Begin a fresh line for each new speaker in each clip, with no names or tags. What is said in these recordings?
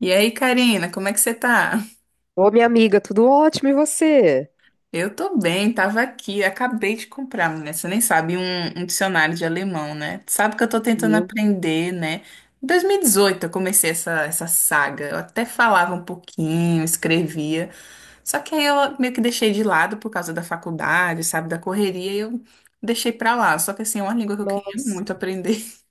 E aí, Karina, como é que você tá?
Ô, minha amiga, tudo ótimo, e você?
Eu tô bem, tava aqui, acabei de comprar, né? Você nem sabe, um dicionário de alemão, né? Sabe que eu tô tentando
Meu,
aprender, né? Em 2018 eu comecei essa saga. Eu até falava um pouquinho, escrevia, só que aí eu meio que deixei de lado por causa da faculdade, sabe, da correria, e eu deixei pra lá. Só que assim, é uma língua que eu queria
nossa.
muito aprender.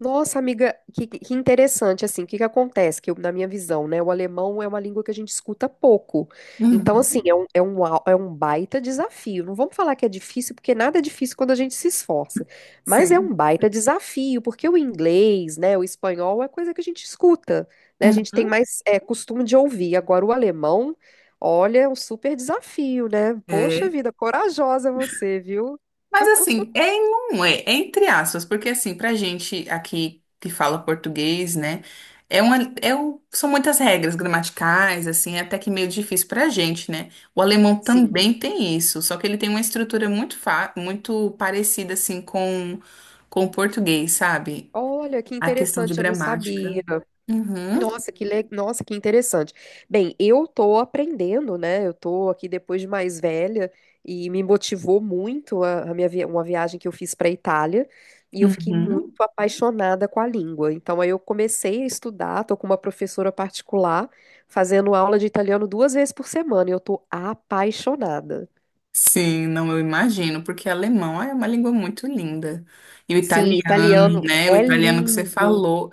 Nossa, amiga, que interessante, assim, o que que acontece? Na minha visão, né, o alemão é uma língua que a gente escuta pouco. Então, assim,
Uhum,
é um baita desafio. Não vamos falar que é difícil, porque nada é difícil quando a gente se esforça. Mas é
sim.
um baita desafio, porque o inglês, né, o espanhol é coisa que a gente escuta, né? A gente tem
Uhum.
mais, costume de ouvir. Agora, o alemão, olha, é um super desafio, né? Poxa
É.
vida, corajosa você, viu?
Mas assim, é e não é, é entre aspas, porque assim, pra gente aqui que fala português, né, é uma, são muitas regras gramaticais, assim, é até que meio difícil pra gente, né? O alemão
Sim.
também tem isso, só que ele tem uma estrutura muito, fa muito parecida, assim, com o português, sabe?
Olha, que
A questão de
interessante, eu não
gramática.
sabia.
Uhum,
Nossa, nossa, que interessante. Bem, eu tô aprendendo, né? Eu tô aqui depois de mais velha e me motivou muito uma viagem que eu fiz para Itália e eu fiquei muito
uhum.
apaixonada com a língua. Então aí eu comecei a estudar, tô com uma professora particular fazendo aula de italiano duas vezes por semana e eu tô apaixonada.
Sim, não, eu imagino, porque alemão é uma língua muito linda. E o
Sim,
italiano,
italiano
né? O
é
italiano que você
lindo.
falou.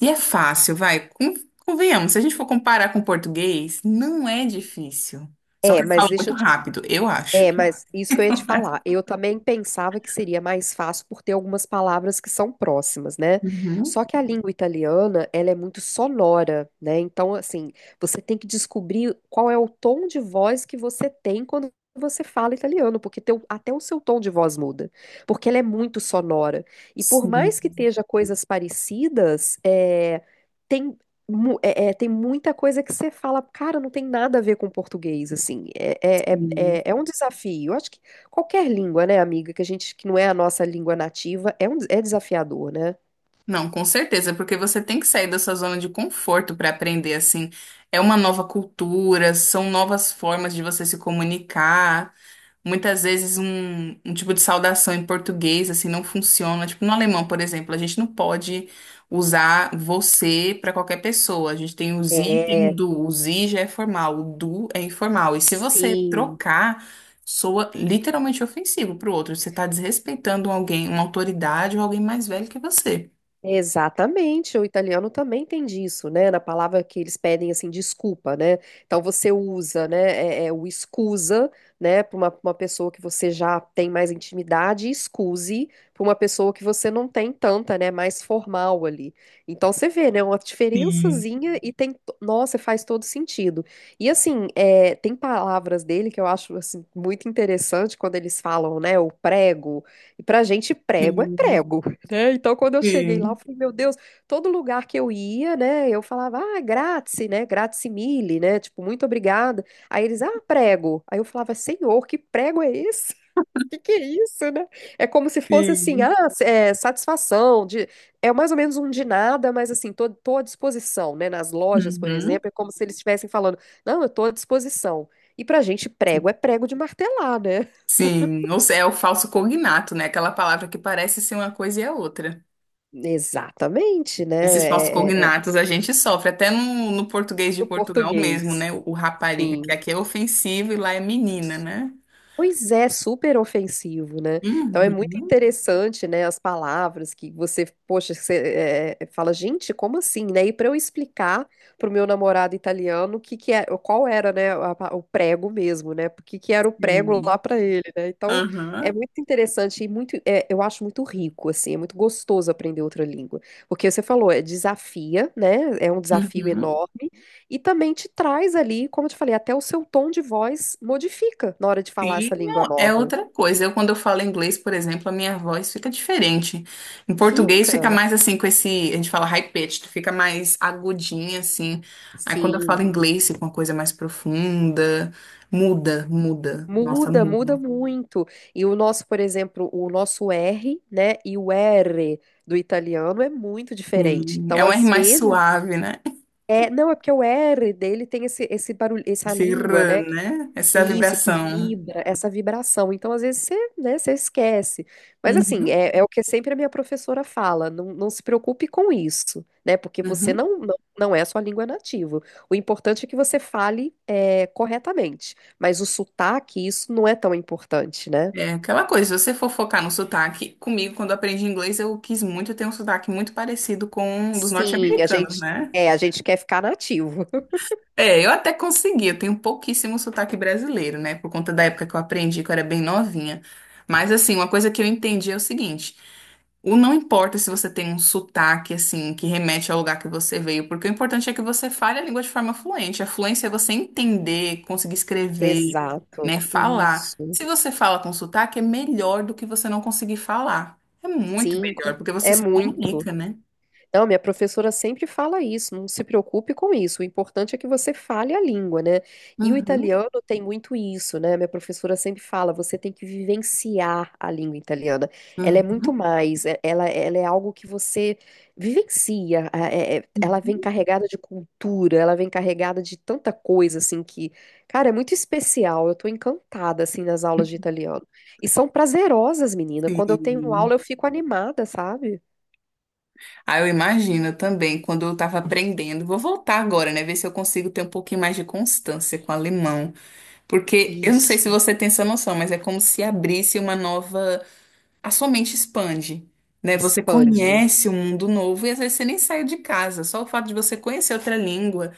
E é fácil, vai. Convenhamos, se a gente for comparar com o português, não é difícil. Só que
É,
eu
mas
falo
deixa
muito
eu te
rápido, eu acho.
É, mas isso que eu ia te falar. Eu também pensava que seria mais fácil por ter algumas palavras que são próximas, né?
Uhum.
Só que a língua italiana, ela é muito sonora, né? Então, assim, você tem que descobrir qual é o tom de voz que você tem quando você fala italiano, porque até o seu tom de voz muda, porque ela é muito sonora. E por
Sim,
mais que esteja coisas parecidas, é, tem mu- é- é, tem muita coisa que você fala, cara, não tem nada a ver com português, assim. É,
sim.
é, é um desafio. Eu acho que qualquer língua, né, amiga, que não é a nossa língua nativa, é desafiador, né?
Não, com certeza, porque você tem que sair da sua zona de conforto para aprender, assim. É uma nova cultura, são novas formas de você se comunicar. Muitas vezes um tipo de saudação em português assim não funciona. Tipo, no alemão, por exemplo, a gente não pode usar você para qualquer pessoa. A gente tem o sie e tem o
É,
du. O sie já é formal, o du é informal. E se você
sim.
trocar, soa literalmente ofensivo para o outro. Você está desrespeitando alguém, uma autoridade ou alguém mais velho que você.
Exatamente, o italiano também tem disso, né? Na palavra que eles pedem assim, desculpa, né? Então você usa, né, é o escusa, né, para pra uma pessoa que você já tem mais intimidade, e excuse para uma pessoa que você não tem tanta, né, mais formal ali. Então você vê, né, uma
Sim,
diferençazinha e nossa, faz todo sentido. E assim, tem palavras dele que eu acho assim muito interessante quando eles falam, né, o prego. E pra gente prego é
sim,
prego, né? Então, quando eu cheguei lá, eu
sim,
falei, meu Deus, todo lugar que eu ia, né? Eu falava, ah, grazie, né? Grazie mille, né? Tipo, muito obrigada. Aí eles, ah, prego. Aí eu falava, senhor, que prego é esse? Que é isso, né? É como se fosse assim,
sim.
satisfação, de, é mais ou menos um de nada, mas assim, tô à disposição, né? Nas lojas, por
Uhum.
exemplo, é como se eles estivessem falando, não, eu tô à disposição. E pra gente, prego é prego de martelar, né?
Sim, ou seja, é o falso cognato, né? Aquela palavra que parece ser uma coisa e é outra.
Exatamente, né?
Esses falsos
É
cognatos a gente sofre, até no, no português de
do
Portugal mesmo,
português.
né? O rapariga, que
Sim.
aqui é ofensivo e lá é menina, né?
Pois é, super ofensivo, né? Então é muito
Uhum.
interessante, né, as palavras que você, poxa, você, fala, gente, como assim, né? E para eu explicar pro meu namorado italiano o que que é, qual era, né, o prego mesmo, né? Porque que era o prego lá
Sim.
para ele, né? Então é
Aham.
muito interessante e muito, eu acho muito rico, assim, é muito gostoso aprender outra língua, porque você falou, né? É um desafio
Uhum.
enorme. E também te traz ali, como eu te falei, até o seu tom de voz modifica na hora de falar
Sim,
essa língua
não, é
nova.
outra coisa. Eu, quando eu falo inglês, por exemplo, a minha voz fica diferente. Em português fica
Fica,
mais assim, com esse, a gente fala high pitched, fica mais agudinha, assim. Aí quando eu falo
sim.
inglês, fica uma coisa mais profunda. Muda, muda. Nossa,
Muda,
muda.
muda muito. E o nosso, por exemplo, o nosso R, né, e o R do italiano é muito diferente.
Sim. É
Então,
um R
às
mais
vezes,
suave, né?
não, é porque o R dele tem esse barulho, essa
Esse
língua,
rã,
né?
né? Essa
Isso, que
vibração.
vibra, essa vibração. Então, às vezes, você esquece. Mas, assim,
Uhum,
é o que sempre a minha professora fala: não, não se preocupe com isso, né? Porque você
uhum.
não é a sua língua nativa. O importante é que você fale, corretamente. Mas o sotaque, isso não é tão importante, né?
É aquela coisa, se você for focar no sotaque, comigo, quando eu aprendi inglês, eu quis muito ter um sotaque muito parecido com o dos
Sim, a
norte-americanos,
gente,
né?
é, a gente quer ficar nativo.
É, eu até consegui, eu tenho pouquíssimo sotaque brasileiro, né? Por conta da época que eu aprendi, que eu era bem novinha. Mas, assim, uma coisa que eu entendi é o seguinte: o não importa se você tem um sotaque, assim, que remete ao lugar que você veio, porque o importante é que você fale a língua de forma fluente. A fluência é você entender, conseguir escrever,
Exato.
né? Falar.
Isso.
Se você fala com sotaque, é melhor do que você não conseguir falar. É muito
Sim,
melhor, porque você
é
se
muito.
comunica, né?
Não, minha professora sempre fala isso, não se preocupe com isso. O importante é que você fale a língua, né? E o
Uhum,
italiano tem muito isso, né? Minha professora sempre fala, você tem que vivenciar a língua italiana. Ela é muito
uhum,
mais, ela é algo que você vivencia. Ela vem carregada de cultura, ela vem carregada de tanta coisa, assim, que, cara, é muito especial. Eu tô encantada, assim, nas aulas de italiano. E são prazerosas, menina. Quando eu tenho
uhum.
aula, eu fico animada, sabe?
Ah, eu imagino também, quando eu estava aprendendo. Vou voltar agora, né? Ver se eu consigo ter um pouquinho mais de constância com o alemão. Porque eu não sei
Isso.
se você tem essa noção, mas é como se abrisse uma nova. A sua mente expande, né? Você
Expande.
conhece um mundo novo e às vezes você nem saiu de casa. Só o fato de você conhecer outra língua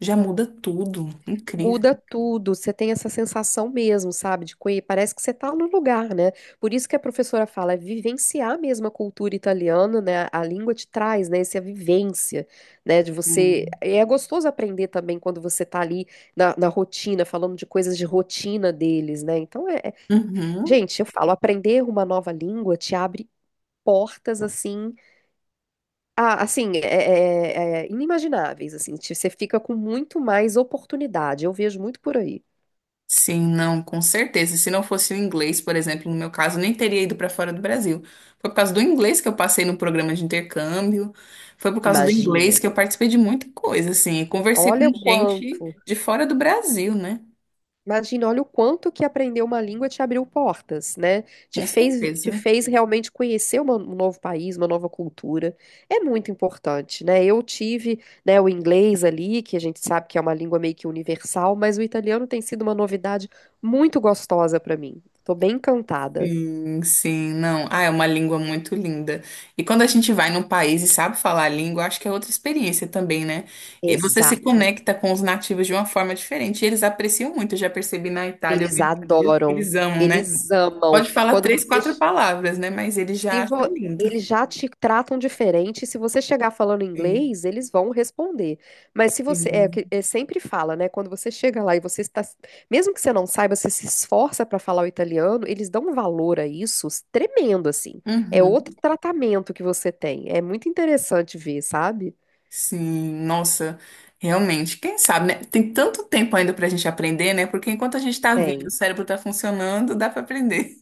já muda tudo. Incrível.
Muda tudo. Você tem essa sensação mesmo, sabe? Parece que você está no lugar, né? Por isso que a professora fala, é vivenciar mesmo a cultura italiana, né? A língua te traz, né? Essa vivência, né? De você.
Sim.
E é gostoso aprender também quando você tá ali na rotina, falando de coisas de rotina deles, né? Então,
Uhum.
gente, eu falo, aprender uma nova língua te abre portas assim. Ah, assim, é inimagináveis, assim, você fica com muito mais oportunidade, eu vejo muito por aí.
Sim, não, com certeza. Se não fosse o inglês, por exemplo, no meu caso, eu nem teria ido para fora do Brasil. Foi por causa do inglês que eu passei no programa de intercâmbio, foi por causa do
Imagina,
inglês que eu participei de muita coisa, assim, e conversei com
olha o
gente
quanto,
de fora do Brasil, né?
imagina, olha o quanto que aprender uma língua te abriu portas, né? Te
Com
fez, te
certeza.
fez realmente conhecer um novo país, uma nova cultura, é muito importante, né? Eu tive, né, o inglês ali, que a gente sabe que é uma língua meio que universal, mas o italiano tem sido uma novidade muito gostosa para mim, tô bem encantada.
Sim, sim, não. Ah, é uma língua muito linda. E quando a gente vai num país e sabe falar a língua, acho que é outra experiência também, né? E você se
Exato.
conecta com os nativos de uma forma diferente. E eles apreciam muito, eu já percebi na Itália, eu
Eles
vi vídeos, que
adoram,
eles amam, né?
eles amam.
Pode falar
Quando
três,
você,
quatro palavras, né? Mas eles
se
já acham
vo-
lindo.
eles já te tratam diferente, se você chegar falando
Sim,
inglês, eles vão responder. Mas se você,
sim.
sempre fala, né? Quando você chega lá e você está, mesmo que você não saiba, você se esforça para falar o italiano, eles dão um valor a isso tremendo, assim. É outro
Uhum.
tratamento que você tem. É muito interessante ver, sabe?
Sim, nossa, realmente, quem sabe, né? Tem tanto tempo ainda pra gente aprender, né? Porque enquanto a gente tá vivo,
Tem.
o cérebro tá funcionando, dá pra aprender.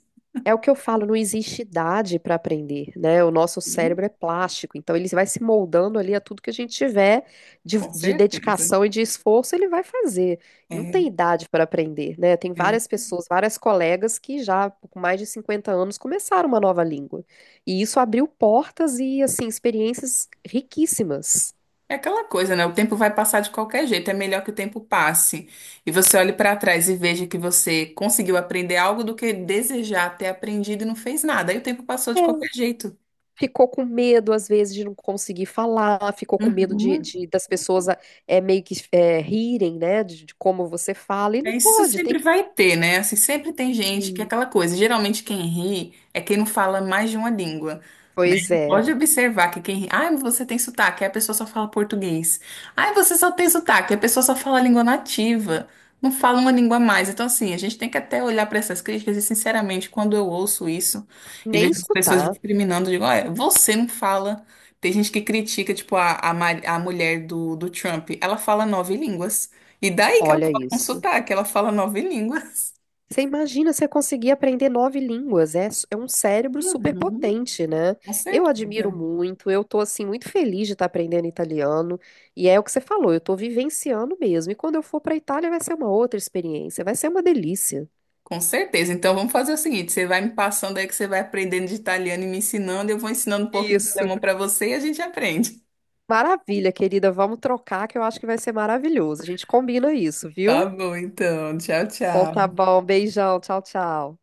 É o que eu falo, não existe idade para aprender, né? O nosso
Hum,
cérebro é plástico, então ele vai se moldando ali a tudo que a gente tiver de,
Com
de
certeza.
dedicação e de esforço, ele vai fazer. Não tem
É,
idade para aprender, né? Tem
é.
várias pessoas, várias colegas que já com mais de 50 anos começaram uma nova língua. E isso abriu portas e, assim, experiências riquíssimas.
É aquela coisa, né? O tempo vai passar de qualquer jeito, é melhor que o tempo passe. E você olhe pra trás e veja que você conseguiu aprender algo do que desejar ter aprendido e não fez nada. Aí o tempo passou de qualquer jeito.
Ficou com medo, às vezes, de não conseguir falar, ficou com medo
Uhum.
das pessoas, meio que rirem, né, de como você fala, e não
É, isso
pode, tem
sempre
que.
vai ter, né? Assim, sempre tem gente que é
Sim.
aquela coisa. Geralmente quem ri é quem não fala mais de uma língua, né?
Pois é,
Pode observar que quem ri, ah, você tem sotaque, aí a pessoa só fala português. Ah, você só tem sotaque, aí a pessoa só fala a língua nativa, não fala uma língua a mais. Então, assim, a gente tem que até olhar para essas críticas e, sinceramente, quando eu ouço isso e
nem
vejo as pessoas
escutar,
discriminando, eu digo, olha, você não fala. Tem gente que critica, tipo, a mulher do Trump, ela fala 9 línguas. E daí que ela
olha
um
isso.
sotaque, ela fala nove línguas.
Você imagina você conseguir aprender nove línguas, é um cérebro super
Uhum.
potente, né?
Com
Eu admiro
certeza.
muito, eu tô, assim, muito feliz de estar aprendendo italiano, e é o que você falou, eu tô vivenciando mesmo, e quando eu for para Itália vai ser uma outra experiência, vai ser uma delícia.
Com certeza. Então vamos fazer o seguinte: você vai me passando aí que você vai aprendendo de italiano e me ensinando, eu vou ensinando um pouquinho de
Isso.
alemão para você e a gente aprende.
Maravilha, querida. Vamos trocar que eu acho que vai ser maravilhoso. A gente combina isso,
Tá
viu?
bom, então. Tchau,
Então tá
tchau.
bom. Beijão. Tchau, tchau.